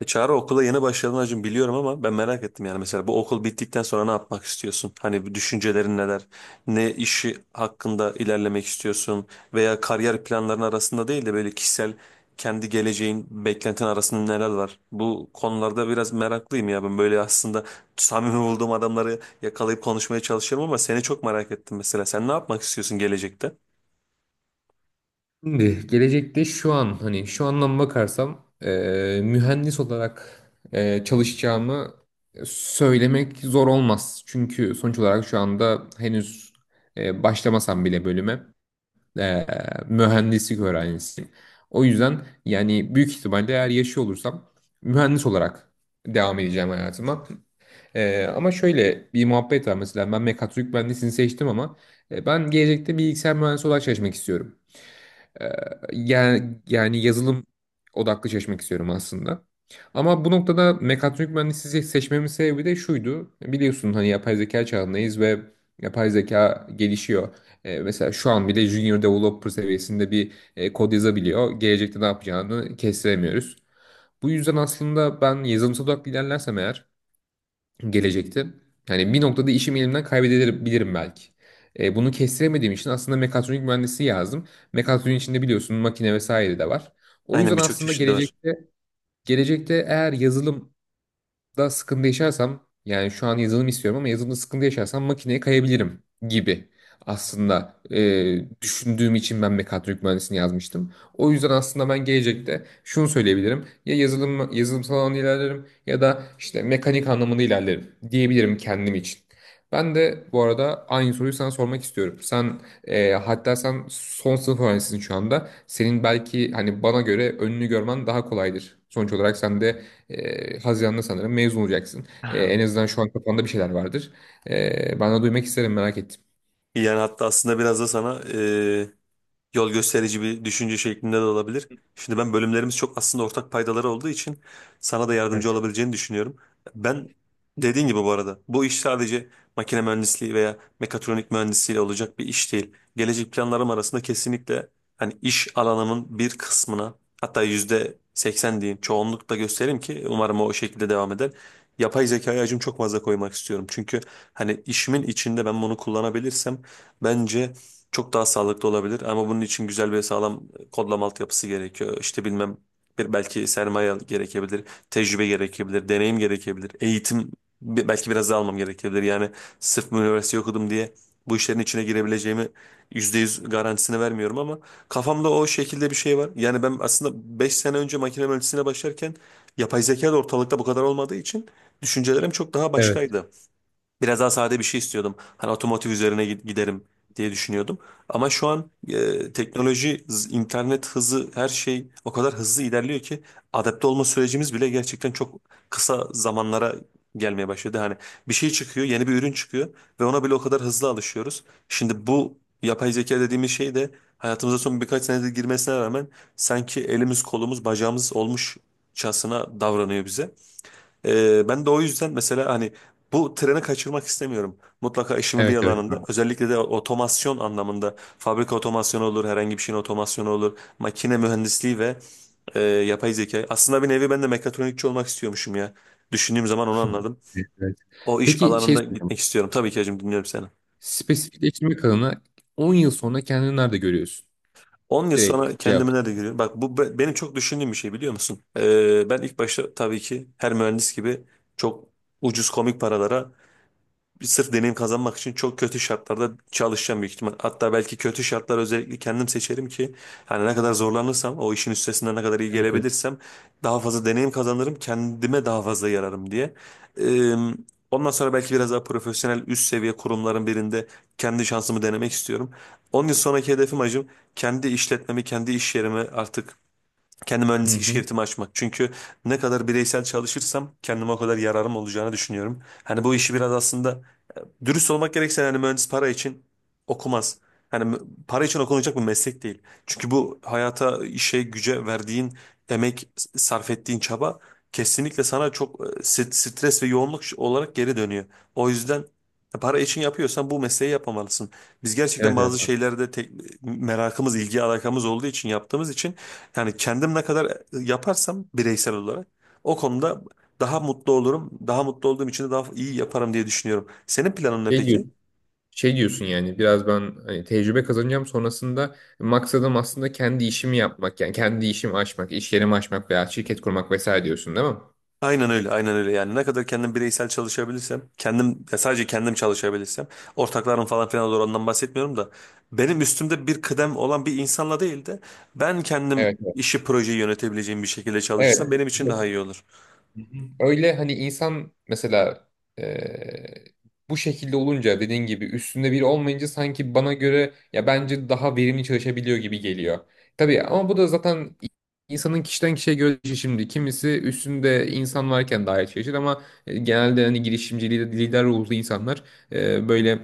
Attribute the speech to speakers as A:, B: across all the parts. A: E Çağrı okula yeni başladın hacım biliyorum ama ben merak ettim yani mesela bu okul bittikten sonra ne yapmak istiyorsun? Hani bu düşüncelerin neler? Ne işi hakkında ilerlemek istiyorsun? Veya kariyer planların arasında değil de böyle kişisel kendi geleceğin, beklentin arasında neler var? Bu konularda biraz meraklıyım ya ben böyle aslında samimi olduğum adamları yakalayıp konuşmaya çalışıyorum ama seni çok merak ettim mesela. Sen ne yapmak istiyorsun gelecekte?
B: Şimdi gelecekte şu an hani şu andan bakarsam mühendis olarak çalışacağımı söylemek zor olmaz. Çünkü sonuç olarak şu anda henüz başlamasam bile bölüme eee, mühendislik öğrencisiyim. O yüzden yani büyük ihtimalle eğer yaşıyor olursam mühendis olarak devam edeceğim hayatıma. Ama şöyle bir muhabbet var mesela ben mekatronik mühendisliğini seçtim ama ben gelecekte bilgisayar mühendisi olarak çalışmak istiyorum. Ee, yani yazılım odaklı çalışmak istiyorum aslında. Ama bu noktada mekatronik mühendisliği seçmemin sebebi de şuydu. Biliyorsun hani yapay zeka çağındayız ve yapay zeka gelişiyor. Mesela şu an bile junior developer seviyesinde bir kod yazabiliyor. Gelecekte ne yapacağını kestiremiyoruz. Bu yüzden aslında ben yazılımsal odaklı ilerlersem eğer gelecekte. Yani bir noktada işimi elimden kaybedebilirim belki. Bunu kestiremediğim için aslında mekatronik mühendisi yazdım. Mekatronik içinde biliyorsun makine vesaire de var. O
A: Aynen
B: yüzden
A: birçok
B: aslında
A: çeşidi var.
B: gelecekte eğer yazılım da sıkıntı yaşarsam yani şu an yazılım istiyorum ama yazılımda sıkıntı yaşarsam makineye kayabilirim gibi aslında düşündüğüm için ben mekatronik mühendisliğini yazmıştım. O yüzden aslında ben gelecekte şunu söyleyebilirim. Ya yazılımsal anlamda ilerlerim ya da işte mekanik anlamında ilerlerim diyebilirim kendim için. Ben de bu arada aynı soruyu sana sormak istiyorum. Sen hatta sen son sınıf öğrencisisin şu anda. Senin belki hani bana göre önünü görmen daha kolaydır. Sonuç olarak sen de Haziran'da sanırım mezun olacaksın. Ee, en azından şu an kafanda bir şeyler vardır. Ben de duymak isterim, merak ettim.
A: Yani hatta aslında biraz da sana yol gösterici bir düşünce şeklinde de olabilir. Şimdi ben bölümlerimiz çok aslında ortak paydaları olduğu için sana da yardımcı olabileceğini düşünüyorum. Ben dediğin gibi bu arada bu iş sadece makine mühendisliği veya mekatronik mühendisliğiyle olacak bir iş değil. Gelecek planlarım arasında kesinlikle hani iş alanımın bir kısmına hatta yüzde 80 diyeyim çoğunlukla göstereyim ki umarım o şekilde devam eder. Yapay zekaya acım çok fazla koymak istiyorum. Çünkü hani işimin içinde ben bunu kullanabilirsem bence çok daha sağlıklı olabilir. Ama bunun için güzel ve sağlam kodlama altyapısı gerekiyor. İşte bilmem bir belki sermaye gerekebilir, tecrübe gerekebilir, deneyim gerekebilir, eğitim belki biraz daha almam gerekebilir. Yani sırf üniversite okudum diye bu işlerin içine girebileceğimi %100 garantisini vermiyorum ama kafamda o şekilde bir şey var. Yani ben aslında 5 sene önce makine mühendisliğine başlarken yapay zeka da ortalıkta bu kadar olmadığı için düşüncelerim çok daha başkaydı. Biraz daha sade bir şey istiyordum. Hani otomotiv üzerine giderim diye düşünüyordum. Ama şu an teknoloji, internet hızı, her şey o kadar hızlı ilerliyor ki adapte olma sürecimiz bile gerçekten çok kısa zamanlara gelmeye başladı. Hani bir şey çıkıyor, yeni bir ürün çıkıyor ve ona bile o kadar hızlı alışıyoruz. Şimdi bu yapay zeka dediğimiz şey de hayatımıza son birkaç senedir girmesine rağmen sanki elimiz, kolumuz, bacağımız olmuşçasına davranıyor bize. Ben de o yüzden mesela hani bu treni kaçırmak istemiyorum. Mutlaka işimin bir
B: Evet, evet.
A: alanında özellikle de otomasyon anlamında fabrika otomasyonu olur, herhangi bir şeyin otomasyonu olur, makine mühendisliği ve yapay zeka. Aslında bir nevi ben de mekatronikçi olmak istiyormuşum ya. Düşündüğüm zaman onu anladım.
B: Evet, evet.
A: O iş
B: Peki, şey
A: alanında
B: soracağım.
A: gitmek istiyorum. Tabii ki hacım dinliyorum seni.
B: Spesifikleştirme kanalına 10 yıl sonra kendini nerede görüyorsun?
A: 10 yıl sonra
B: Direkt cevap.
A: kendimi nerede görüyorum? Bak bu benim çok düşündüğüm bir şey biliyor musun? Ben ilk başta tabii ki her mühendis gibi çok ucuz komik paralara sırf deneyim kazanmak için çok kötü şartlarda çalışacağım büyük ihtimal. Hatta belki kötü şartlar özellikle kendim seçerim ki yani ne kadar zorlanırsam o işin üstesinden ne kadar iyi
B: Evet, evet.
A: gelebilirsem daha fazla deneyim kazanırım kendime daha fazla yararım diye. Ee, ondan sonra belki biraz daha profesyonel üst seviye kurumların birinde kendi şansımı denemek istiyorum. 10 yıl sonraki hedefim acım kendi işletmemi kendi iş yerimi artık kendi
B: Hı
A: mühendislik
B: hı.
A: şirketimi açmak. Çünkü ne kadar bireysel çalışırsam kendime o kadar yararım olacağını düşünüyorum. Hani bu işi biraz aslında dürüst olmak gerekirse hani mühendis para için okumaz. Hani para için okunacak bir meslek değil. Çünkü bu hayata, işe, güce verdiğin emek, sarf ettiğin çaba kesinlikle sana çok stres ve yoğunluk olarak geri dönüyor. O yüzden para için yapıyorsan bu mesleği yapmamalısın. Biz gerçekten
B: Evet,
A: bazı
B: evet.
A: şeylerde tek, merakımız, ilgi alakamız olduğu için yaptığımız için yani kendim ne kadar yaparsam bireysel olarak o konuda daha mutlu olurum. Daha mutlu olduğum için de daha iyi yaparım diye düşünüyorum. Senin planın ne
B: Şey
A: peki?
B: diyorsun, şey diyorsun yani biraz ben hani tecrübe kazanacağım, sonrasında maksadım aslında kendi işimi yapmak yani kendi işimi açmak, iş yerimi açmak veya şirket kurmak vesaire diyorsun değil mi?
A: Aynen öyle, aynen öyle. Yani ne kadar kendim bireysel çalışabilirsem, kendim ya sadece kendim çalışabilirsem, ortaklarım falan filan olur ondan bahsetmiyorum da benim üstümde bir kıdem olan bir insanla değil de ben kendim
B: Evet, evet.
A: işi projeyi yönetebileceğim bir şekilde çalışırsam benim için daha
B: Evet.
A: iyi olur.
B: Hı hı. Öyle, hani insan mesela eee, bu şekilde olunca dediğin gibi üstünde biri olmayınca sanki bana göre ya bence daha verimli çalışabiliyor gibi geliyor. Tabii ama bu da zaten insanın kişiden kişiye göre değişir şimdi. Kimisi üstünde insan varken daha iyi çalışır ama genelde hani girişimci lider, lider ruhlu insanlar e, böyle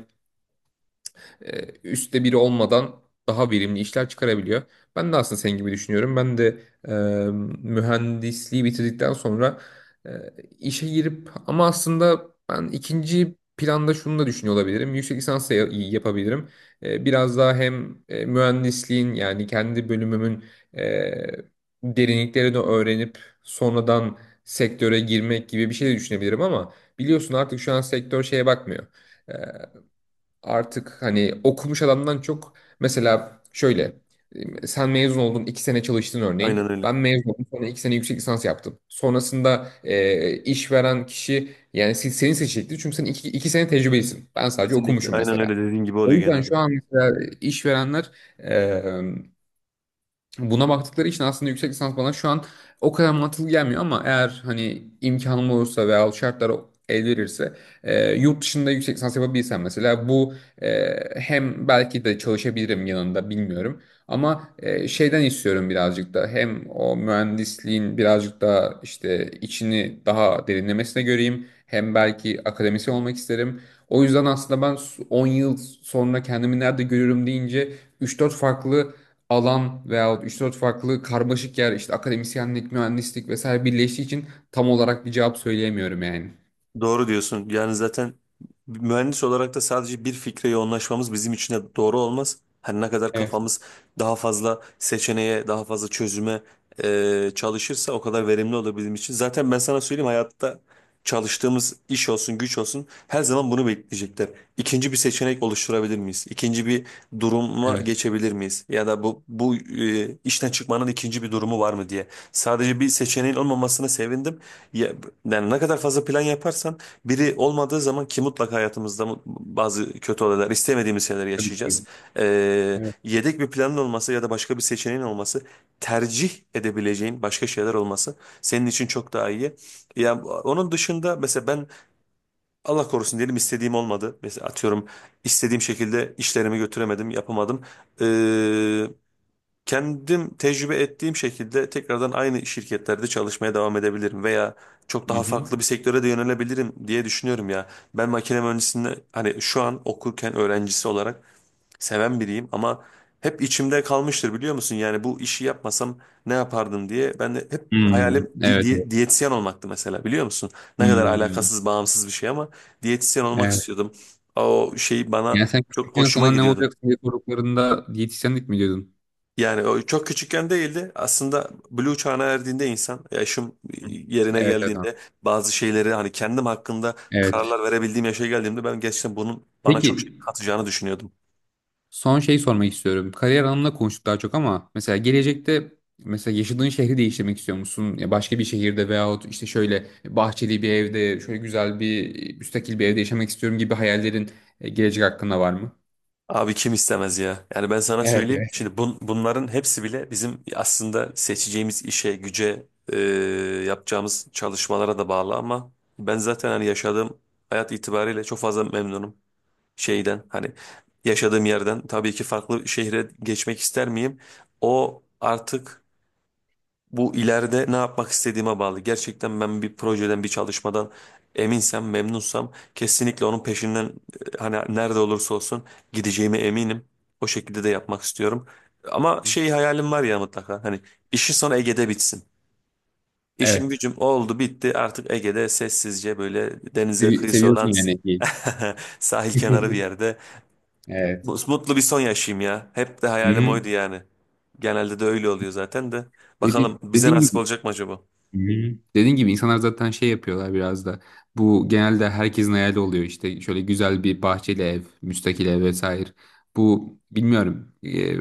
B: üstte biri olmadan daha verimli işler çıkarabiliyor. Ben de aslında senin gibi düşünüyorum. Ben de e, mühendisliği bitirdikten sonra e, işe girip ama aslında ben ikinci planda şunu da düşünüyor olabilirim. Yüksek lisans da yapabilirim. Biraz daha hem mühendisliğin yani kendi bölümümün e, derinliklerini öğrenip sonradan sektöre girmek gibi bir şey de düşünebilirim ama biliyorsun artık şu an sektör şeye bakmıyor. E, artık hani okumuş adamdan çok mesela şöyle sen mezun oldun iki sene çalıştın örneğin.
A: Aynen öyle.
B: Ben mezun oldum sonra iki sene yüksek lisans yaptım. Sonrasında işveren kişi yani seni seçecektir. Çünkü sen iki sene tecrübelisin. Ben sadece
A: Kesinlikle.
B: okumuşum
A: Aynen öyle
B: mesela.
A: dediğin gibi
B: O
A: oluyor
B: yüzden
A: genelde.
B: şu an mesela işverenler buna baktıkları için aslında yüksek lisans bana şu an o kadar mantıklı gelmiyor ama eğer hani imkanım olursa veya şartlar el verirse yurt dışında yüksek lisans yapabilsem mesela bu e, hem belki de çalışabilirim yanında bilmiyorum ama şeyden istiyorum birazcık da, hem o mühendisliğin birazcık daha işte içini daha derinlemesine göreyim, hem belki akademisyen olmak isterim. O yüzden aslında ben 10 yıl sonra kendimi nerede görüyorum deyince 3-4 farklı alan veya üç dört farklı karmaşık yer işte akademisyenlik, mühendislik vesaire birleştiği için tam olarak bir cevap söyleyemiyorum yani.
A: Doğru diyorsun. Yani zaten mühendis olarak da sadece bir fikre yoğunlaşmamız bizim için de doğru olmaz. Her ne kadar
B: Evet,
A: kafamız daha fazla seçeneğe, daha fazla çözüme çalışırsa o kadar verimli olur bizim için. Zaten ben sana söyleyeyim hayatta çalıştığımız iş olsun, güç olsun her zaman bunu bekleyecekler. İkinci bir seçenek oluşturabilir miyiz? İkinci bir duruma
B: evet.
A: geçebilir miyiz? Ya da bu işten çıkmanın ikinci bir durumu var mı diye. Sadece bir seçeneğin olmamasına sevindim. Ya, yani ne kadar fazla plan yaparsan biri olmadığı zaman ki mutlaka hayatımızda bazı kötü olaylar istemediğimiz şeyler
B: Tabii,
A: yaşayacağız.
B: tabii. Evet.
A: Yedek bir planın olması ya da başka bir seçeneğin olması tercih edebileceğin başka şeyler olması senin için çok daha iyi. Ya onun dışında mesela ben Allah korusun diyelim istediğim olmadı. Mesela atıyorum istediğim şekilde işlerimi götüremedim yapamadım. Ee, kendim tecrübe ettiğim şekilde tekrardan aynı şirketlerde çalışmaya devam edebilirim veya çok
B: Hı
A: daha
B: hı.
A: farklı bir sektöre de yönelebilirim diye düşünüyorum ya. Ben makine mühendisliğini hani şu an okurken öğrencisi olarak seven biriyim ama hep içimde kalmıştır biliyor musun? Yani bu işi yapmasam ne yapardım diye ben de hep
B: Hmm,
A: hayalim
B: evet.
A: diyetisyen olmaktı mesela biliyor musun? Ne kadar
B: Hmm,
A: alakasız bağımsız bir şey ama diyetisyen olmak
B: evet.
A: istiyordum. O şey bana
B: Yani sen
A: çok
B: küçükken
A: hoşuma
B: sana ne
A: gidiyordu.
B: olacak diye sorduklarında diyetisyenlik mi diyordun?
A: Yani o çok küçükken değildi. Aslında Blue çağına erdiğinde insan, yaşım
B: Hı.
A: yerine
B: Evet, evet. Tamam.
A: geldiğinde bazı şeyleri hani kendim hakkında
B: Evet.
A: kararlar verebildiğim yaşa geldiğimde ben gerçekten bunun bana
B: Peki,
A: çok şey katacağını düşünüyordum.
B: son şey sormak istiyorum. Kariyer anlamında konuştuk daha çok ama mesela gelecekte, mesela yaşadığın şehri değiştirmek istiyor musun? Ya başka bir şehirde veyahut işte şöyle bahçeli bir evde, şöyle güzel bir müstakil bir evde yaşamak istiyorum gibi hayallerin gelecek hakkında var mı?
A: Abi kim istemez ya? Yani ben sana
B: Evet,
A: söyleyeyim.
B: evet.
A: Şimdi bunların hepsi bile bizim aslında seçeceğimiz işe, güce, yapacağımız çalışmalara da bağlı ama ben zaten hani yaşadığım hayat itibariyle çok fazla memnunum. Şeyden hani yaşadığım yerden tabii ki farklı şehre geçmek ister miyim? O artık bu ileride ne yapmak istediğime bağlı. Gerçekten ben bir projeden, bir çalışmadan eminsem, memnunsam kesinlikle onun peşinden hani nerede olursa olsun gideceğime eminim. O şekilde de yapmak istiyorum. Ama şey hayalim var ya mutlaka hani işi sonra Ege'de bitsin. İşim
B: Evet.
A: gücüm oldu bitti artık Ege'de sessizce böyle denize kıyısı
B: Seviyorsun
A: olan
B: yani.
A: sahil kenarı bir yerde
B: Evet.
A: Mutlu bir son yaşayayım ya. Hep de hayalim
B: Hı.
A: oydu yani. Genelde de öyle oluyor zaten de. Bakalım bize
B: Dediğin
A: nasip
B: gibi.
A: olacak mı acaba?
B: Hmm. Dediğin gibi insanlar zaten şey yapıyorlar biraz da. Bu genelde herkesin hayali oluyor, işte şöyle güzel bir bahçeli ev, müstakil ev vesaire. Bu bilmiyorum.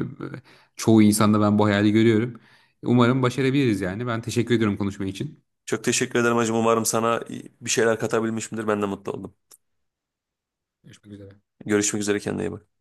B: Çoğu insanda ben bu hayali görüyorum. Umarım başarabiliriz yani. Ben teşekkür ediyorum konuşma için.
A: Çok teşekkür ederim hacım. Umarım sana bir şeyler katabilmişimdir. Ben de mutlu oldum.
B: Görüşmek üzere.
A: Görüşmek üzere kendine iyi bak.